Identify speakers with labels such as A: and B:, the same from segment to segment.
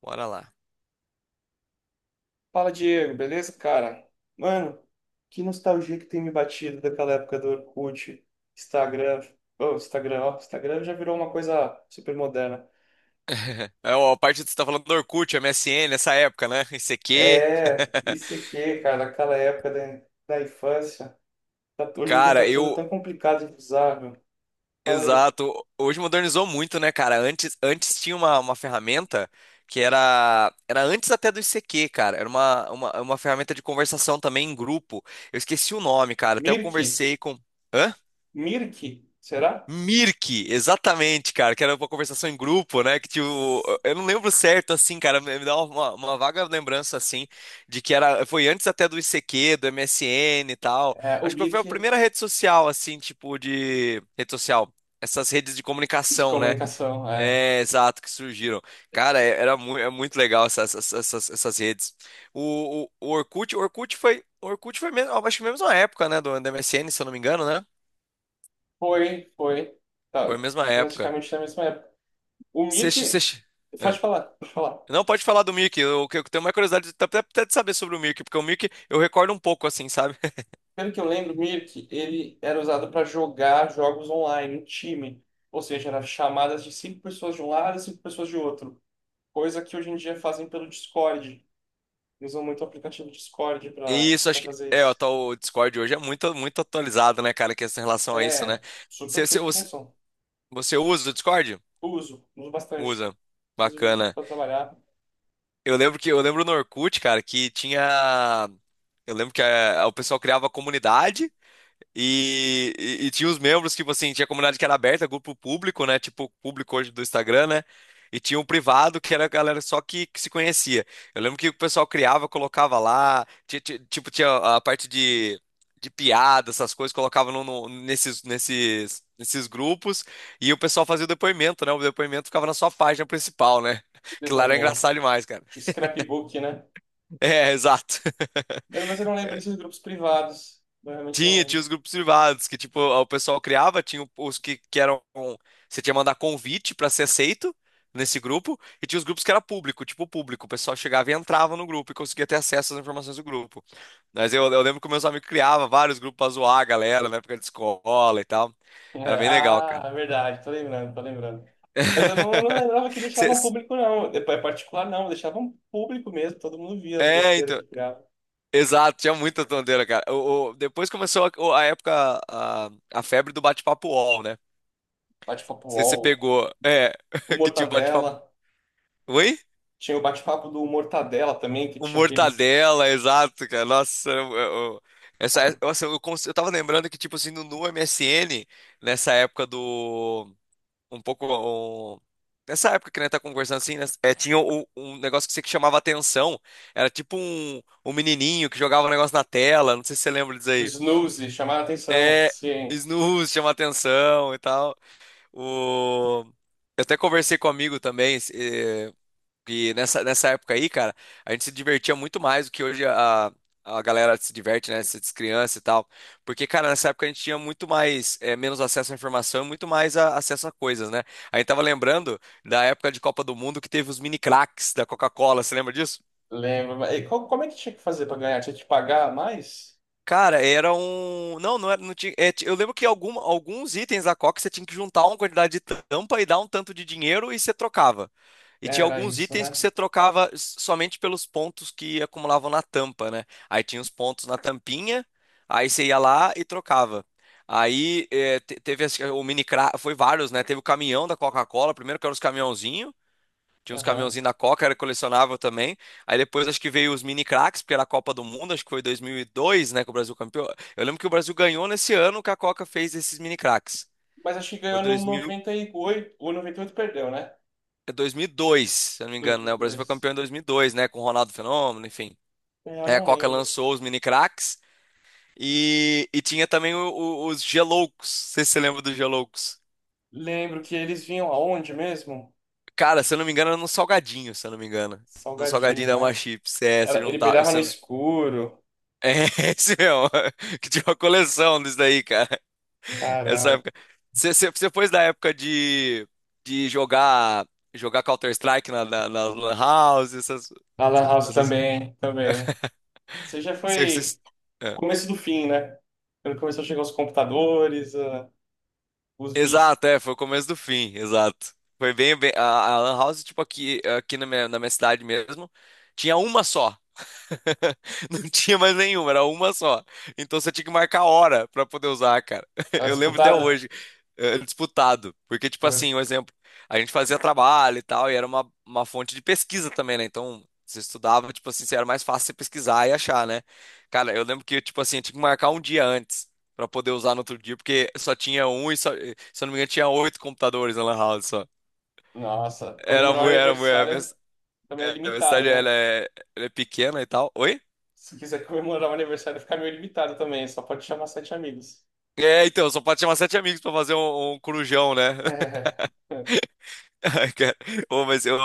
A: Bora lá.
B: Fala, Diego, beleza, cara? Mano, que nostalgia que tem me batido daquela época do Orkut, Instagram. Ô, Instagram, ó, Instagram já virou uma coisa super moderna.
A: É, ó, a parte que você tá falando do Orkut, MSN, essa época, né? ICQ.
B: É, isso ICQ, cara, aquela época da infância. Hoje em dia tá
A: Cara,
B: tudo
A: eu.
B: tão complicado de usar, meu. Fala aí.
A: Exato. Hoje modernizou muito, né, cara? Antes tinha uma ferramenta que era. Era antes até do ICQ, cara. Era uma ferramenta de conversação também em grupo. Eu esqueci o nome, cara. Até eu
B: Mirk?
A: conversei com. Hã?
B: Mirk? Será?
A: Mirk, exatamente, cara, que era uma conversação em grupo, né? Que tipo,
B: S-
A: eu não lembro certo, assim, cara, me dá uma vaga lembrança, assim, de que era, foi antes até do ICQ, do MSN e tal.
B: É, o
A: Acho que foi a
B: Mirk
A: primeira rede social, assim, tipo, de. Rede social. Essas redes de
B: de
A: comunicação, né?
B: comunicação, é.
A: É, exato, que surgiram. Cara, é- era mu é muito legal essas redes. O Orkut, o Orkut foi mesmo, acho que mesmo na época, né? Do MSN, se eu não me engano, né?
B: Foi, foi.
A: Foi a
B: Tá,
A: mesma época.
B: praticamente na mesma época. O
A: Você,
B: Mirk. Pode
A: é.
B: falar, pode falar.
A: Não pode falar do Mickey. Eu tenho uma curiosidade até de saber sobre o Mickey, porque o Mickey eu recordo um pouco assim, sabe?
B: Pelo que eu lembro, Mirk, ele era usado para jogar jogos online, em time. Ou seja, era chamadas de cinco pessoas de um lado e cinco pessoas de outro. Coisa que hoje em dia fazem pelo Discord. Usam muito o aplicativo Discord para
A: Isso, acho que.
B: fazer
A: É, ó,
B: isso.
A: tá, o tal Discord hoje é muito, muito atualizado, né, cara, que essa relação a isso, né?
B: É,
A: Você,
B: super
A: você,
B: cheio de
A: você
B: função.
A: você usa o Discord?
B: Uso bastante.
A: Usa.
B: Inclusive
A: Bacana.
B: para trabalhar,
A: Eu lembro no Orkut, cara, que tinha. Eu lembro que o pessoal criava comunidade. E tinha os membros, tipo assim, tinha comunidade que era aberta, grupo público, né? Tipo, público hoje do Instagram, né? E tinha um privado que era a galera só que se conhecia. Eu lembro que o pessoal criava, colocava lá, tipo, tinha a parte de piada, essas coisas, colocava nesses grupos, e o pessoal fazia o depoimento, né? O depoimento ficava na sua página principal, né? Que lá era
B: depoimento.
A: engraçado demais, cara.
B: O scrapbook, né?
A: É, exato.
B: Mas eu não lembro desses grupos privados. Eu realmente não
A: Tinha
B: lembro.
A: os grupos privados, que tipo, o pessoal criava, tinha os que eram. Você tinha que mandar convite pra ser aceito nesse grupo, e tinha os grupos que era público, tipo público. O pessoal chegava e entrava no grupo e conseguia ter acesso às informações do grupo. Mas eu lembro que meus amigos criavam vários grupos pra zoar a galera na época de escola e tal. Era bem legal,
B: Ah,
A: cara.
B: é verdade, tô lembrando, tô lembrando. Mas eu não lembrava que
A: Cê-
B: deixavam público, não. É particular, não. Deixavam público mesmo, todo mundo via as
A: É,
B: besteiras
A: então.
B: que criava.
A: Exato, tinha muita tonteira, cara. Depois começou a, o- a época, a febre do bate-papo UOL, né?
B: Bate-papo
A: Sei se você
B: UOL,
A: pegou. É,
B: o
A: que tinha um bate-papo.
B: Mortadela.
A: Oi?
B: Tinha o bate-papo do Mortadela também, que
A: O
B: tinha aqueles.
A: Mortadela, exato, cara. Nossa, eu-
B: Ah,
A: essa, nossa, eu, cons- eu tava lembrando que, tipo assim, no MSN, nessa época do. Um pouco. um- Nessa época que a gente tá conversando assim, né, é, tinha um negócio que você que chamava atenção. Era tipo um menininho que jogava um negócio na tela. Não sei se você lembra disso
B: o
A: aí.
B: Snooze, chamaram a atenção.
A: É,
B: Sim,
A: snooze chama atenção e tal. O. Eu até conversei com um amigo também. E nessa época aí, cara, a gente se divertia muito mais do que hoje a galera se diverte, né? Se criança e tal. Porque, cara, nessa época a gente tinha muito mais, menos acesso à informação e muito mais acesso a coisas, né? A gente tava lembrando da época de Copa do Mundo que teve os mini craques da Coca-Cola, você lembra disso?
B: lembro. Mas, como é que tinha que fazer pra ganhar? Tinha que pagar mais?
A: Cara, era um. Não, não era. Não tinha. É, eu lembro que alguns itens da Coca você tinha que juntar uma quantidade de tampa e dar um tanto de dinheiro e você trocava. E tinha
B: Era
A: alguns
B: isso,
A: itens que
B: né?
A: você trocava somente pelos pontos que acumulavam na tampa, né? Aí tinha os pontos na tampinha, aí você ia lá e trocava. Aí é, te- teve esse- o mini cra... foi vários, né? Teve o caminhão da Coca-Cola, primeiro que era os caminhãozinhos. Tinha uns
B: Aham.
A: caminhãozinhos da Coca, era colecionável também. Aí depois acho que veio os mini craques, porque era a Copa do Mundo, acho que foi 2002, né, que o Brasil campeão. Eu lembro que o Brasil ganhou nesse ano que a Coca fez esses mini craques.
B: Mas acho que
A: Foi
B: ganhou no
A: 2000,
B: 98. O 98 perdeu, né?
A: é 2002, se eu não me engano, né? O Brasil foi
B: 2002.
A: campeão em 2002, né, com o Ronaldo Fenômeno, enfim.
B: É, eu
A: Aí a
B: não
A: Coca
B: lembro.
A: lançou os mini craques e tinha também os Geloucos. Não sei se você lembra dos Geloucos.
B: Lembro que eles vinham aonde mesmo?
A: Cara, se eu não me engano, era no Salgadinho, se eu não me engano. No Salgadinho
B: Salgadinho,
A: da uma
B: né?
A: Chips, é, você
B: Era, ele
A: juntava.
B: brilhava no escuro.
A: É, esse mesmo, que tinha uma coleção disso daí, cara. Essa
B: Caramba.
A: época. Você foi da época de jogar jogar Counter-Strike na lan House,
B: A Lan House
A: essas,
B: também, também. Você já
A: cê-
B: foi
A: cês-
B: o
A: é.
B: começo do fim, né? Quando começou a chegar os computadores, ah, os vícios.
A: Exato, é, foi o começo do fim, exato. Foi bem a Lan House, tipo, aqui na minha cidade mesmo, tinha uma só. Não tinha mais nenhuma, era uma só. Então você tinha que marcar a hora pra poder usar, cara.
B: Era
A: Eu lembro até
B: disputada?
A: hoje, disputado. Porque, tipo
B: Foi.
A: assim, um exemplo, a gente fazia trabalho e tal, e era uma fonte de pesquisa também, né? Então você estudava, tipo assim, era mais fácil você pesquisar e achar, né? Cara, eu lembro que, tipo assim, eu tinha que marcar um dia antes pra poder usar no outro dia, porque só tinha um e só, se eu não me engano, tinha oito computadores na Lan House só.
B: Nossa,
A: Era
B: comemorar o
A: muito, era muito. A minha,
B: aniversário também é
A: é, a minha
B: limitado,
A: cidade ela
B: né?
A: é, ela é pequena e tal. Oi?
B: Se quiser comemorar o aniversário, fica meio limitado também. Só pode chamar sete amigos.
A: É, então, só pode chamar sete amigos pra fazer um corujão, né?
B: É,
A: Ai, cara. Ô, mas eu.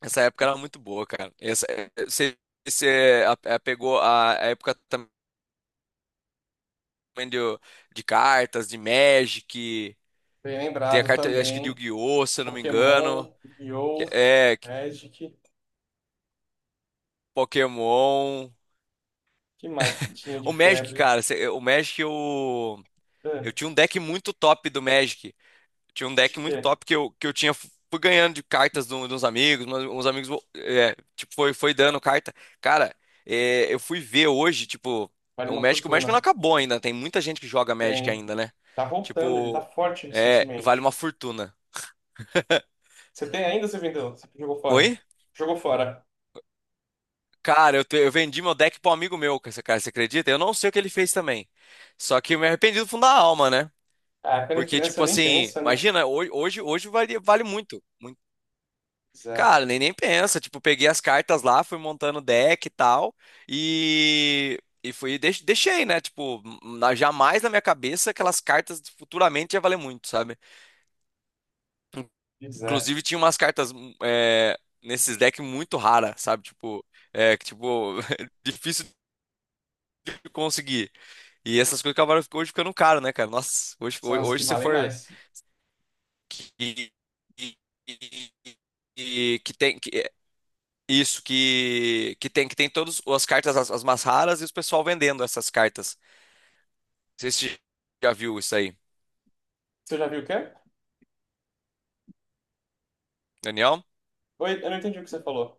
A: Essa época era muito boa, cara. Você pegou a época também de, de cartas, de Magic.
B: bem
A: Tem a
B: lembrado
A: carta, eu acho que de
B: também.
A: Yu-Gi-Oh!, se eu não me engano.
B: Pokémon, Yu-Gi-Oh!
A: É,
B: Magic.
A: Pokémon.
B: Que mais que tinha de
A: O Magic,
B: febre?
A: cara, você- o Magic eu. Eu
B: Ah,
A: tinha um deck muito top do Magic. Tinha um
B: acho
A: deck
B: que
A: muito
B: é.
A: top que eu tinha. Fui ganhando de cartas de, de uns amigos, mas uns amigos, é, tipo, foi dando carta. Cara, é, eu fui ver hoje, tipo,
B: Vale
A: o
B: uma
A: Magic, o Magic não
B: fortuna.
A: acabou ainda. Tem muita gente que joga Magic
B: Tem.
A: ainda, né?
B: Tá voltando, ele tá
A: Tipo,
B: forte
A: é, vale uma
B: recentemente.
A: fortuna.
B: Você tem ainda, ou você vendeu? Você jogou fora?
A: Oi?
B: Jogou fora.
A: Cara, eu vendi meu deck pra um amigo meu, cara, você acredita? Eu não sei o que ele fez também. Só que eu me arrependi do fundo da alma, né?
B: Ah, quando é
A: Porque,
B: criança
A: tipo
B: nem
A: assim,
B: pensa, né?
A: imagina, hoje vale muito.
B: Pois é,
A: Cara, nem pensa. Tipo, peguei as cartas lá, fui montando deck e tal. E fui, deixei, né? Tipo, jamais na minha cabeça aquelas cartas futuramente ia valer muito, sabe?
B: pois é.
A: Inclusive, tinha umas cartas é, nesses decks muito raras, sabe? Tipo, é, que, tipo, difícil de conseguir. E essas coisas acabaram hoje ficando caro, né, cara? Nossa, hoje,
B: São
A: hoje,
B: as que
A: hoje se
B: valem
A: for.
B: mais.
A: que- que- que- que tem que, Isso, que tem todas as cartas, as mais raras, e os pessoal vendendo essas cartas. Não sei se você já viu isso aí,
B: Você já viu o quê?
A: Daniel.
B: Oi, eu não entendi o que você falou.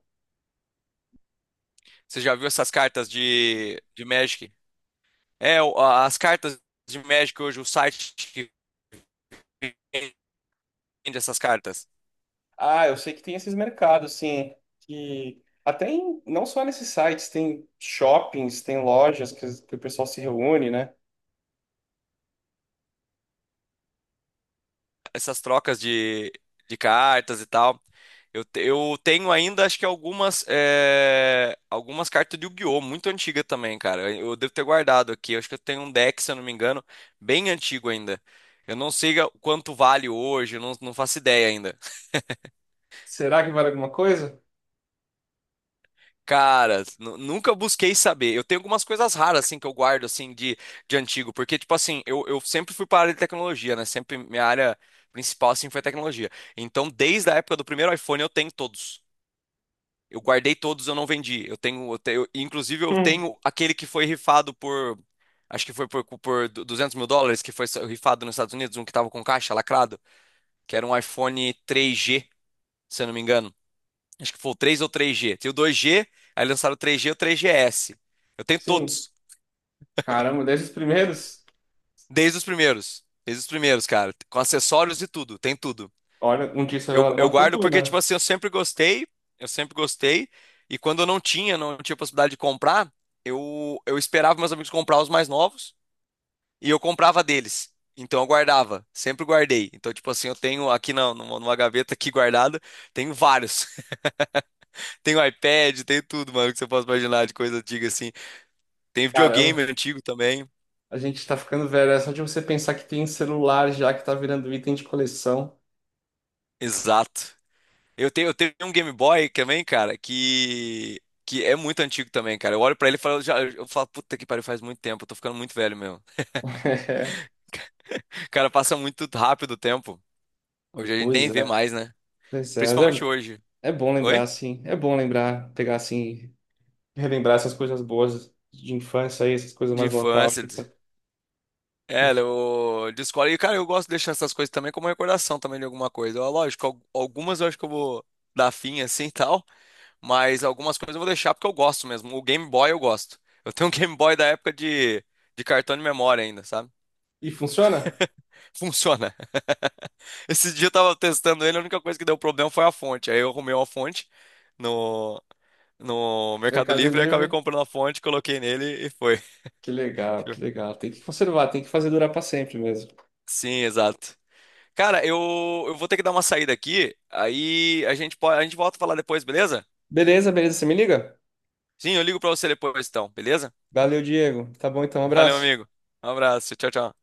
A: Você já viu essas cartas de Magic? É, as cartas de Magic hoje, o site que vende essas cartas.
B: Ah, eu sei que tem esses mercados, sim, que até em, não só nesses sites, tem shoppings, tem lojas que o pessoal se reúne, né?
A: Essas trocas de cartas e tal. Eu tenho ainda, acho que algumas cartas de Yu-Gi-Oh! Muito antiga também, cara. Eu devo ter guardado aqui. Eu acho que eu tenho um deck, se eu não me engano, bem antigo ainda. Eu não sei quanto vale hoje, eu não faço ideia ainda.
B: Será que vale alguma coisa?
A: Cara, nunca busquei saber. Eu tenho algumas coisas raras, assim, que eu guardo, assim, de antigo. Porque, tipo assim, eu sempre fui para a área de tecnologia, né? Sempre minha área principal, assim, foi tecnologia. Então, desde a época do primeiro iPhone, eu tenho todos. Eu guardei todos, eu não vendi. Inclusive eu
B: Hum,
A: tenho aquele que foi rifado por, acho que foi por US$ 200 mil, que foi rifado nos Estados Unidos, um que tava com caixa lacrado, que era um iPhone 3G, se eu não me engano. Acho que foi o 3 ou 3G. Tem o 2G, aí lançaram o 3G e o 3GS. Eu tenho
B: sim.
A: todos,
B: Caramba, desde os primeiros?
A: desde os primeiros, cara, com acessórios e tudo, tem tudo.
B: Olha, um dia
A: Eu,
B: será uma
A: eu guardo porque, tipo
B: fortuna.
A: assim, eu sempre gostei, e quando eu não tinha, não tinha possibilidade de comprar, eu esperava meus amigos comprar os mais novos e eu comprava deles. Então eu guardava, sempre guardei. Então, tipo assim, eu tenho aqui não, numa gaveta aqui guardada, tenho vários. Tenho iPad, tenho tudo, mano, que você possa imaginar de coisa antiga assim. Tem videogame
B: Caramba,
A: antigo também.
B: a gente tá ficando velho. É só de você pensar que tem celular já que tá virando item de coleção.
A: Exato. Eu tenho um Game Boy também, cara, que é muito antigo também, cara. Eu olho pra ele e falo, já, eu falo, puta que pariu, faz muito tempo, eu tô ficando muito velho mesmo. Cara, passa muito rápido o tempo. Hoje a gente
B: Pois
A: nem vê
B: é.
A: mais, né?
B: Pois é, mas
A: Principalmente
B: é,
A: hoje.
B: é bom lembrar,
A: Oi?
B: assim. É bom lembrar, pegar assim, relembrar essas coisas boas de infância aí, essas coisas
A: De
B: mais
A: infância.
B: nostálgicas.
A: É,
B: Isso.
A: de escola. E, cara, eu gosto de deixar essas coisas também como recordação também de alguma coisa. Ó, lógico, algumas eu acho que eu vou dar fim assim e tal, mas algumas coisas eu vou deixar porque eu gosto mesmo. O Game Boy eu gosto. Eu tenho um Game Boy da época de cartão de memória ainda, sabe?
B: E funciona?
A: Funciona. Esse dia eu tava testando ele, a única coisa que deu problema foi a fonte. Aí eu arrumei uma fonte no, no Mercado
B: Mercado
A: Livre, aí acabei
B: Livre?
A: comprando a fonte, coloquei nele e foi.
B: Que legal, que legal. Tem que conservar, tem que fazer durar pra sempre mesmo.
A: Sim, exato. Cara, eu vou ter que dar uma saída aqui, aí a gente volta a falar depois, beleza?
B: Beleza, beleza, você me liga?
A: Sim, eu ligo pra você depois então, beleza?
B: Valeu, Diego. Tá bom então, um
A: Valeu,
B: abraço.
A: amigo. Um abraço, tchau, tchau.